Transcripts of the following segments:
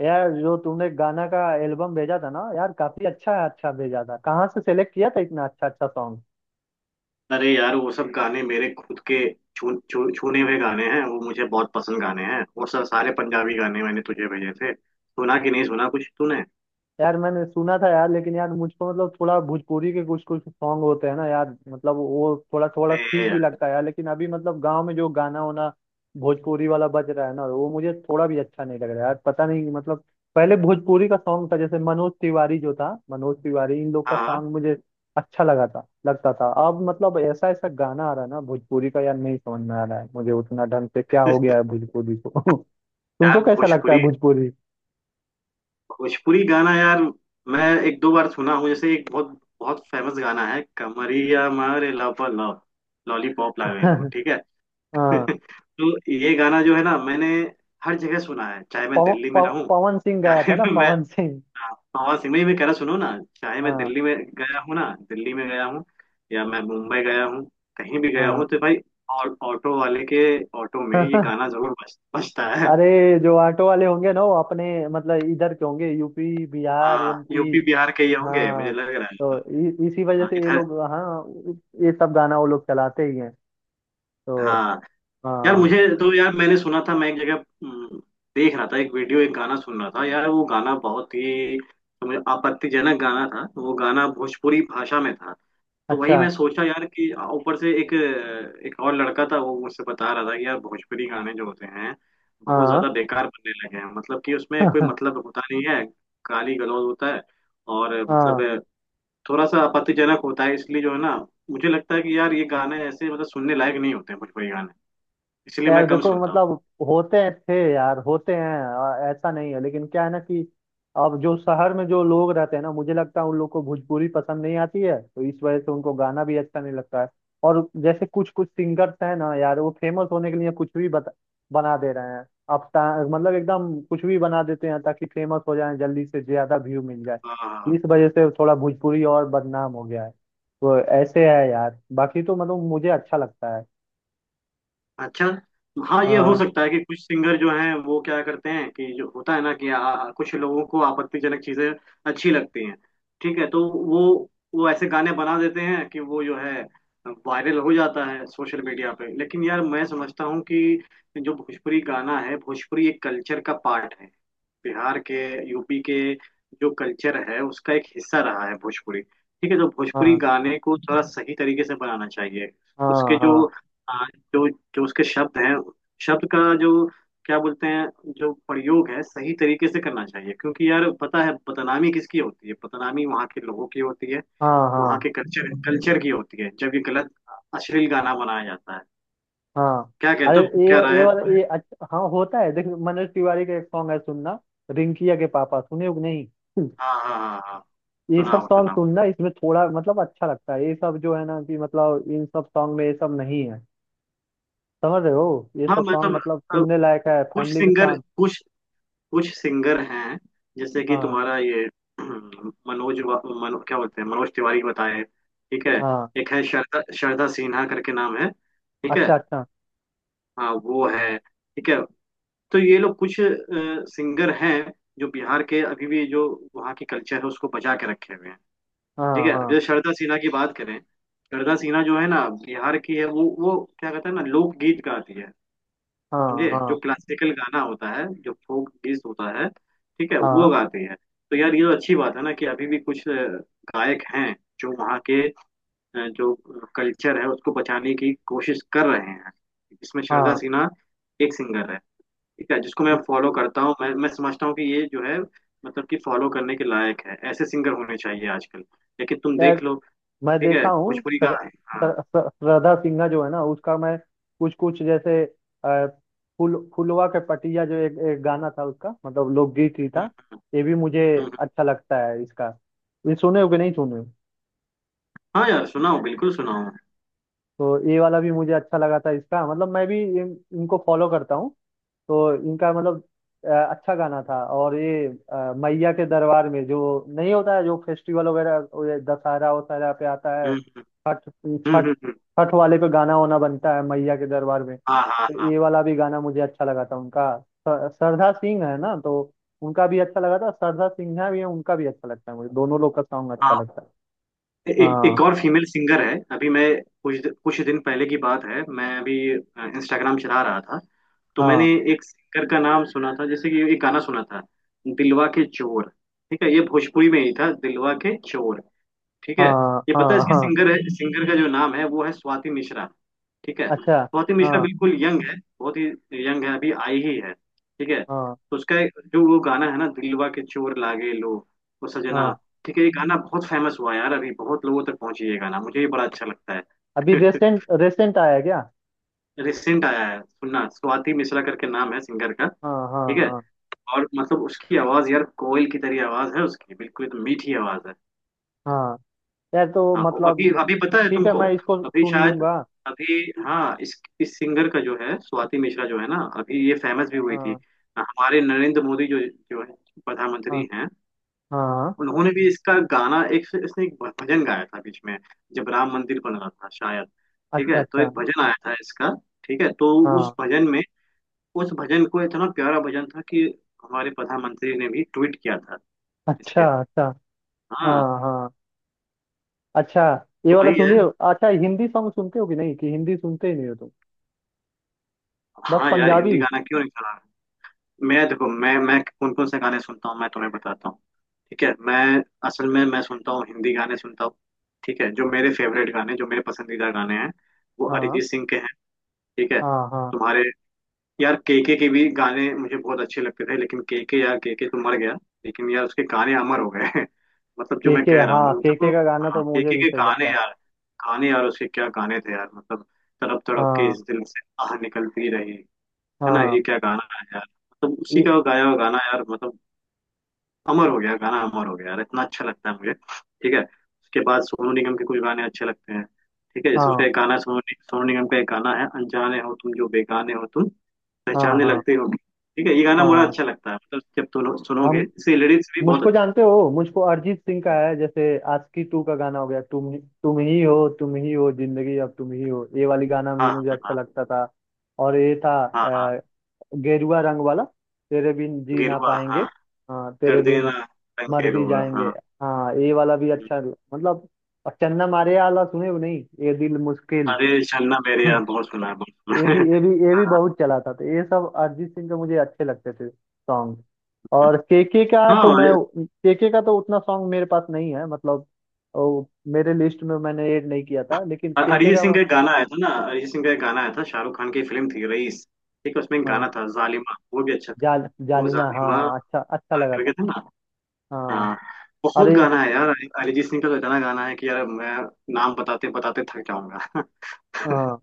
यार जो तुमने गाना का एल्बम भेजा था ना, यार काफी अच्छा अच्छा भेजा था। कहाँ से सेलेक्ट किया था इतना अच्छा अच्छा सॉन्ग? अरे यार, वो सब गाने मेरे खुद के छू, छू, छूने हुए गाने हैं। वो मुझे बहुत पसंद गाने हैं। वो सब सारे पंजाबी गाने मैंने तुझे भेजे थे, सुना कि नहीं सुना कुछ तूने? यार मैंने सुना था यार, लेकिन यार मुझको मतलब थोड़ा भोजपुरी के कुछ कुछ सॉन्ग होते हैं ना यार, मतलब वो थोड़ा थोड़ा अरे ठीक भी यार। लगता है यार, लेकिन अभी मतलब गांव में जो गाना होना भोजपुरी वाला बज रहा है ना, वो मुझे थोड़ा भी अच्छा नहीं लग रहा है यार। पता नहीं मतलब पहले भोजपुरी का सॉन्ग था जैसे मनोज तिवारी जो था, मनोज तिवारी इन लोग का हाँ सॉन्ग मुझे अच्छा लगा था, लगता था। अब मतलब ऐसा ऐसा गाना आ रहा है ना भोजपुरी का यार, नहीं समझ में आ रहा है मुझे उतना ढंग से। क्या हो गया है भोजपुरी को? तुमको यार, कैसा लगता है भोजपुरी भोजपुरी? भोजपुरी गाना यार मैं एक दो बार सुना हूँ। जैसे एक बहुत बहुत फेमस गाना है, कमरिया मारे लप लप लॉलीपॉप लो, ठीक है। हाँ। तो ये गाना जो है ना, मैंने हर जगह सुना है। चाहे मैं पव, दिल्ली में पव, रहूं, पवन सिंह गया चाहे था ना, मैं, पवन सिंह। हाँ सिंह नहीं, मैं कह रहा, सुनो ना। चाहे मैं हाँ दिल्ली में गया हूँ ना, दिल्ली में गया हूँ, या मैं मुंबई गया हूँ, कहीं भी गया हाँ। हूँ तो भाई ऑटो वाले के ऑटो में ये गाना जरूर बजता है। अरे, जो ऑटो वाले होंगे ना, वो अपने मतलब इधर के होंगे, यूपी बिहार हाँ एमपी। यूपी बिहार के ही होंगे, मुझे हाँ। लग रहा है। तो इसी वजह हाँ से ये इधर। लोग, हाँ, ये सब गाना वो लोग चलाते ही हैं। तो हाँ यार, हाँ। मुझे तो यार, मैंने सुना था, मैं एक जगह हम्म, देख रहा था एक वीडियो, एक गाना सुन रहा था यार। वो गाना बहुत ही समझ आपत्तिजनक गाना था, वो गाना भोजपुरी भाषा में था। तो वही अच्छा। मैं सोचा यार कि ऊपर से एक एक और लड़का था, वो मुझसे बता रहा था कि यार भोजपुरी गाने जो होते हैं बहुत हाँ। ज्यादा बेकार बनने लगे हैं। मतलब कि उसमें कोई मतलब होता नहीं है, गाली गलौज होता है, और मतलब हाँ। थोड़ा सा आपत्तिजनक होता है। इसलिए जो है ना, मुझे लगता है कि यार ये गाने ऐसे मतलब सुनने लायक नहीं होते हैं भोजपुरी गाने, इसलिए यार मैं कम देखो सुनता हूँ। मतलब होते हैं थे यार, होते हैं ऐसा नहीं है, लेकिन क्या है ना कि अब जो शहर में जो लोग रहते हैं ना, मुझे लगता है उन लोग को भोजपुरी पसंद नहीं आती है, तो इस वजह से उनको गाना भी अच्छा नहीं लगता है। और जैसे कुछ कुछ सिंगर्स हैं ना यार, वो फेमस होने के लिए कुछ भी बता बना दे रहे हैं। मतलब एकदम कुछ भी बना देते हैं ताकि फेमस हो जाए, जल्दी से ज्यादा व्यू मिल जाए। हाँ। इस वजह से थोड़ा भोजपुरी और बदनाम हो गया है। तो ऐसे है यार, बाकी तो मतलब मुझे अच्छा लगता है। अच्छा। हाँ ये हो हाँ सकता है कि कुछ सिंगर जो हैं वो क्या करते हैं कि जो होता है ना कि आ, आ- कुछ लोगों को आपत्तिजनक चीजें अच्छी लगती हैं, ठीक है। तो वो वो ऐसे गाने बना देते हैं कि वो जो है वायरल हो जाता है सोशल मीडिया पे। लेकिन यार मैं समझता हूँ कि जो भोजपुरी गाना है, भोजपुरी एक कल्चर का पार्ट है। बिहार के, यूपी के जो कल्चर है उसका एक हिस्सा रहा है भोजपुरी, ठीक है। तो भोजपुरी हाँ गाने को थोड़ा सही तरीके से बनाना चाहिए। उसके हाँ जो हाँ आ, जो जो उसके शब्द हैं, शब्द का जो क्या बोलते हैं जो प्रयोग है सही तरीके से करना चाहिए, क्योंकि यार पता है बदनामी किसकी होती है, बदनामी वहाँ के लोगों की होती है, हाँ वहाँ हाँ के कल्चर कल्चर की होती है जब ये गलत अश्लील गाना बनाया जाता है। हाँ। क्या अरे, कहते हो, ये क्या राय ये है वाला तुम्हारे? ये अच्छा हाँ होता है। देख, मनोज तिवारी का एक सॉन्ग है, सुनना, रिंकिया के पापा सुने हो कि नहीं? हाँ हाँ हाँ हाँ। ये सब सुनाओ सॉन्ग सुनाओ। सुनना, इसमें थोड़ा मतलब अच्छा लगता है। ये सब जो है ना कि मतलब इन सब सॉन्ग में ये सब नहीं है, समझ रहे हो? ये हाँ सब सॉन्ग मतलब, मतलब सुनने लायक है कुछ फैमिली के सिंगर साथ। कुछ कुछ सिंगर हैं जैसे कि हाँ तुम्हारा ये क्या बोलते हैं, मनोज तिवारी बताए, ठीक है। हाँ। एक है श्रद्धा श्रद्धा सिन्हा करके नाम है, ठीक है। अच्छा अच्छा। हाँ वो है, ठीक है। तो ये लोग कुछ सिंगर हैं जो बिहार के अभी भी जो वहाँ की कल्चर है उसको बचा के रखे हुए हैं। ठीक हाँ है। अब हाँ जैसे श्रद्धा सिन्हा की बात करें, श्रद्धा सिन्हा जो है ना बिहार की है, वो क्या कहते हैं ना लोकगीत गाती है। हाँ समझे? हाँ जो क्लासिकल गाना होता है, जो फोक गीत होता है, ठीक है, वो हाँ गाते हैं। तो यार ये तो अच्छी बात है ना कि अभी भी कुछ गायक हैं जो वहाँ के जो कल्चर है उसको बचाने की कोशिश कर रहे हैं। इसमें श्रद्धा हाँ। सिन्हा एक सिंगर है, ठीक है, जिसको मैं फॉलो करता हूँ। मैं समझता हूँ कि ये जो है मतलब कि फॉलो करने के लायक है, ऐसे सिंगर होने चाहिए आजकल। लेकिन तुम देख लो, मैं ठीक है। देखा हूँ भोजपुरी गा सर- हाँ। सर- सर- श्रद्धा सिन्हा जो है ना, उसका मैं कुछ कुछ जैसे अ, फुल फुलवा के पटिया जो एक गाना था, उसका मतलब लोकगीत ही था। हम्म, ये भी मुझे हम्म, हम्म। अच्छा लगता है इसका। ये सुने हो कि नहीं सुने हो? हाँ यार, सुनाओ बिल्कुल सुनाओ। तो ये वाला भी मुझे अच्छा लगा था इसका, मतलब मैं भी इनको फॉलो करता हूँ। तो इनका मतलब अ, अच्छा गाना था। और ये मैया के दरबार में जो नहीं होता है जो फेस्टिवल वगैरह, वो ये दशहरा वशहरा पे आता है, हम्म छठ, हम्म छठ, हम्म, हम्म। छठ वाले पे गाना वाना बनता है मैया के दरबार में। हाँ हाँ तो हाँ ये वाला भी गाना मुझे अच्छा लगा था उनका। स- श्रद्धा सिंह है ना, तो उनका भी अच्छा लगा था। श्रद्धा सिन्हा भी है, उनका भी अच्छा लगता है मुझे। दोनों लोग का सॉन्ग अच्छा हाँ। लगता है। एक एक हाँ और फीमेल सिंगर है। अभी मैं कुछ कुछ दिन पहले की बात है, मैं अभी इंस्टाग्राम चला रहा था, तो मैंने हाँ एक सिंगर का नाम सुना था, जैसे कि एक गाना सुना था, दिलवा के चोर, ठीक है, ये भोजपुरी में ही था, दिलवा के चोर, ठीक है। हाँ ये पता है हाँ इसकी हाँ। सिंगर है, सिंगर का जो नाम है वो है स्वाति मिश्रा, ठीक है। अच्छा। स्वाति मिश्रा हाँ बिल्कुल यंग है, बहुत ही यंग है, अभी आई ही है, ठीक है। हाँ तो उसका जो वो गाना है ना, दिलवा के चोर लागे लो वो सजना, हाँ। ठीक है, ये गाना बहुत फेमस हुआ है यार, अभी बहुत लोगों तक पहुंची ये गाना, मुझे ये बड़ा अच्छा लगता है। अभी रेसेंट रेसेंट आया है क्या? रिसेंट आया है, सुनना, स्वाति मिश्रा करके नाम है सिंगर का, हाँ हाँ ठीक है। हाँ और मतलब उसकी आवाज यार कोयल की तरह आवाज है उसकी, बिल्कुल एकदम मीठी आवाज है। हाँ। यार तो हाँ मतलब अभी अभी पता है ठीक है, तुमको, मैं इसको अभी सुन शायद लूंगा। अभी, हाँ। इस सिंगर का जो है स्वाति मिश्रा जो है ना, अभी ये फेमस भी हुई थी। हाँ हमारे नरेंद्र मोदी जो जो है हाँ प्रधानमंत्री हैं, हाँ। उन्होंने भी इसका गाना, एक इसने एक भजन गाया था बीच में, जब राम मंदिर बन रहा था शायद, ठीक अच्छा है, तो अच्छा। एक भजन आया था इसका, ठीक है। तो उस हाँ। भजन में, उस भजन को इतना प्यारा भजन था कि हमारे प्रधानमंत्री ने भी ट्वीट किया था अच्छा इसके। अच्छा। हाँ हाँ हाँ। अच्छा, ये तो वाला वही सुनिए। है। अच्छा हिंदी सॉन्ग सुनते हो कि नहीं, कि हिंदी सुनते ही नहीं हो तुम? बस हाँ यार पंजाबी? हिंदी गाना क्यों नहीं चला। मैं देखो, मैं कौन कौन से गाने सुनता हूँ मैं तुम्हें बताता हूँ, ठीक है। मैं असल में मैं सुनता हूँ, हिंदी गाने सुनता हूँ, ठीक है। जो मेरे फेवरेट गाने, जो मेरे पसंदीदा गाने हैं वो हाँ अरिजीत सिंह के हैं, ठीक है। हाँ हाँ। तुम्हारे, यार केके के भी गाने मुझे बहुत अच्छे लगते थे, लेकिन केके, यार केके तो मर गया, लेकिन यार उसके गाने अमर हो गए। मतलब जो के मैं के कह रहा हाँ, हूँ, मतलब के वो- का गाना हाँ तो मुझे केके भी के सही गाने लगता है। यार, गाने यार उसके, क्या गाने थे यार मतलब, तड़प तड़प के हाँ इस दिल से आह निकलती रही, है ना, हाँ। ये क्या गाना है यार, मतलब उसी ये- का गाया हुआ गाना यार मतलब, अमर हो गया गाना अमर हो गया यार, इतना अच्छा लगता है मुझे, ठीक है। उसके बाद सोनू निगम के कुछ गाने अच्छे लगते हैं, ठीक है, जैसे उसका हाँ एक गाना है, सोनू निगम का एक गाना है, अनजाने हो तुम, जो बेगाने हो तुम, हाँ पहचानने हाँ लगते हो, ठीक है, ये गाना बड़ा हाँ। अच्छा लगता है, मतलब जब तुम सुनोगे हम, इसके लिरिक्स भी बहुत मुझको अच्छे हैं। जानते हो, मुझको अरिजीत सिंह का है जैसे आशिकी टू का गाना हो गया, तुम ही हो, तुम ही हो जिंदगी अब तुम ही हो, ये वाली गाना भी हाँ मुझे हाँ अच्छा हाँ लगता था। और ये था हाँ हाँ। अ, गेरुआ रंग वाला, तेरे बिन जी ना गिरुआ पाएंगे। हाँ, हाँ, तेरे कर देना बिन रंग मर भी गिरुआ जाएंगे। हाँ। हाँ, ये वाला भी अच्छा मतलब। और चन्ना मारे वाला सुने हो नहीं, ये दिल मुश्किल? अरे छन्ना मेरे यार बहुत सुना है, बहुत ये सुना भी है। ये भी ये भी हाँ बहुत चला था। तो ये सब अरिजीत सिंह के मुझे अच्छे लगते थे सॉन्ग। और केके का हाँ तो मैं, हाँ। केके का तो उतना सॉन्ग मेरे पास नहीं है, मतलब वो मेरे लिस्ट में मैंने ऐड नहीं किया था, लेकिन केके अरिजीत का। सिंह का एक गाना आया था ना, अरिजीत सिंह का एक गाना आया था, शाहरुख खान की फिल्म थी रईस, ठीक है, उसमें एक हाँ, गाना था जालिमा, वो भी अच्छा था। जाल वो जालिमा, जालिमा हाँ अच्छा अच्छा लगा करके था। था ना, हाँ। हाँ। बहुत अरे गाना है यार, अरिजीत सिंह का तो इतना गाना है कि यार मैं नाम बताते बताते थक जाऊंगा। हाँ।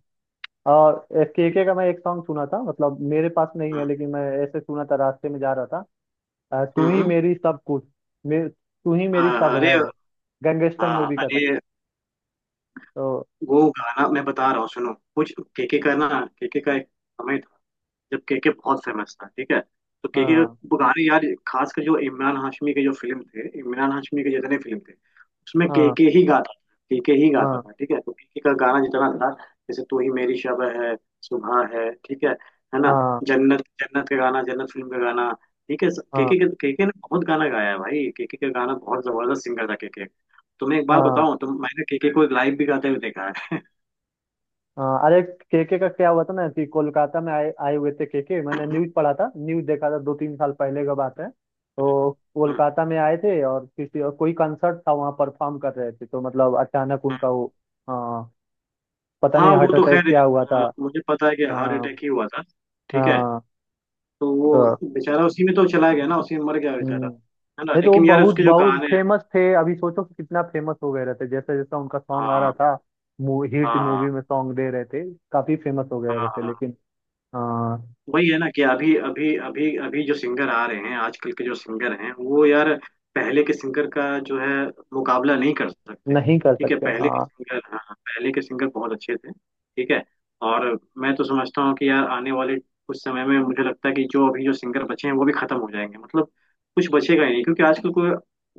और केके का मैं एक सॉन्ग सुना था, मतलब मेरे पास नहीं है, हाँ, लेकिन मैं ऐसे सुना था रास्ते में जा रहा था, तू ही हम्म, मेरी सब कुछ, तू ही मेरी सब हाँ, अरे, है। गैंगस्टर हाँ, मूवी का था। अरे तो वो गाना मैं बता रहा हूँ सुनो कुछ, केके का ना, केके का एक समय था जब केके बहुत फेमस था, ठीक है, तो केके हाँ वो गाने यार, खासकर जो इमरान हाशमी के जो फिल्म थे, इमरान हाशमी के जितने फिल्म थे उसमें हाँ केके ही गाता था, केके ही गाता हाँ था, ठीक है, तो केके का गाना जितना था, जैसे तू ही मेरी शब है, सुबह है, ठीक है ना, हाँ जन्नत, जन्नत का गाना, जन्नत फिल्म का गाना, ठीक है। हाँ केके केके ने बहुत गाना गाया है भाई, केके का गाना बहुत जबरदस्त सिंगर था केके। तुम्हें एक बात हाँ बताऊं, तो मैंने केके को लाइव भी गाते हुए देखा हाँ। अरे केके का क्या हुआ था ना कि कोलकाता में आए आए हुए थे केके, मैंने है। न्यूज पढ़ा था, न्यूज देखा था, दो तीन साल पहले का बात है। तो कोलकाता में आए थे और किसी और कोई कंसर्ट था, वहाँ परफॉर्म कर रहे थे, तो मतलब अचानक उनका वो, हाँ, पता नहीं हाँ हार्ट वो तो अटैक खैर, क्या हुआ था। मुझे पता है कि हार्ट हाँ अटैक ही हुआ था, ठीक है, हाँ। तो वो तो बेचारा उसी में तो चला गया ना, उसी में मर गया हम्म। बेचारा, नहीं है ना, तो वो लेकिन यार बहुत उसके जो बहुत गाने हैं। फेमस थे, अभी सोचो कि कितना फेमस हो गए रहते। जैसे जैसा उनका सॉन्ग आ रहा हाँ था, हिट मूवी हाँ में सॉन्ग दे रहे थे, काफी फेमस हो हाँ गए हाँ रहते, हाँ। लेकिन हाँ, वही है ना कि अभी अभी अभी अभी जो सिंगर आ रहे हैं आजकल के, जो सिंगर हैं वो यार पहले के सिंगर का जो है मुकाबला नहीं कर सकते, नहीं कर ठीक है, सकते। पहले के हाँ, सिंगर, हाँ, पहले के सिंगर बहुत अच्छे थे, ठीक है। और मैं तो समझता हूँ कि यार आने वाले कुछ समय में मुझे लगता है कि जो अभी जो सिंगर बचे हैं वो भी खत्म हो जाएंगे, मतलब कुछ बचेगा ही नहीं, क्योंकि आजकल कोई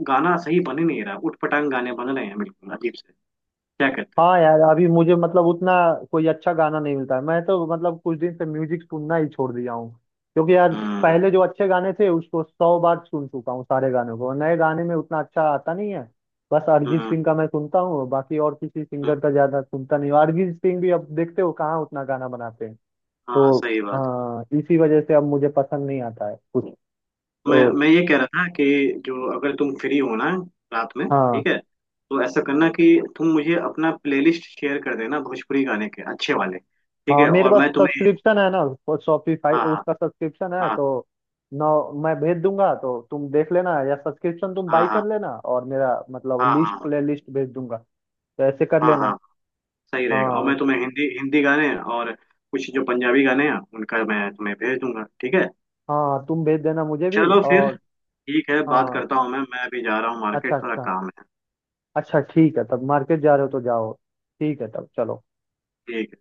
गाना सही बन ही नहीं रहा, उटपटांग गाने बन रहे हैं बिल्कुल अजीब से, क्या कहते हो। हाँ यार, अभी मुझे मतलब उतना कोई अच्छा गाना नहीं मिलता है। मैं तो मतलब कुछ दिन से म्यूजिक सुनना ही छोड़ दिया हूँ, क्योंकि यार हम्म पहले जो अच्छे गाने थे उसको 100 बार सुन चुका हूँ सारे गानों को, नए गाने में उतना अच्छा आता नहीं है। बस अरिजीत हम्म सिंह का मैं सुनता हूँ, बाकी और किसी हम्म, सिंगर का ज्यादा सुनता नहीं हूँ। अरिजीत सिंह भी अब देखते हो कहाँ उतना गाना बनाते हैं। हाँ तो सही बात। हाँ, इसी वजह से अब मुझे पसंद नहीं आता है कुछ। मैं तो मैं ये कह रहा था कि जो अगर तुम फ्री हो ना रात में, हाँ ठीक है, तो ऐसा करना कि तुम मुझे अपना प्लेलिस्ट शेयर कर देना, भोजपुरी गाने के अच्छे वाले, ठीक हाँ, है, मेरे और पास मैं तुम्हें सब्सक्रिप्शन है ना, वो शॉपिफाई, हाँ उसका सब्सक्रिप्शन है हाँ तो ना, मैं भेज दूंगा तो तुम देख लेना, या सब्सक्रिप्शन तुम हाँ बाई हाँ कर लेना और मेरा मतलब हाँ हाँ लिस्ट हाँ प्ले लिस्ट भेज दूंगा, तो ऐसे कर हाँ लेना। हाँ सही रहेगा, और हाँ मैं तुम्हें हिंदी हिंदी गाने और कुछ जो पंजाबी गाने हैं उनका मैं तुम्हें भेज दूंगा, ठीक है। हाँ, तुम भेज देना मुझे भी। चलो फिर, और ठीक है, बात हाँ, करता हूँ, मैं अभी जा रहा हूँ अच्छा मार्केट, थोड़ा अच्छा। काम है। अच्छा ठीक है, तब मार्केट जा रहे हो तो जाओ। ठीक है तब, चलो। ठीक।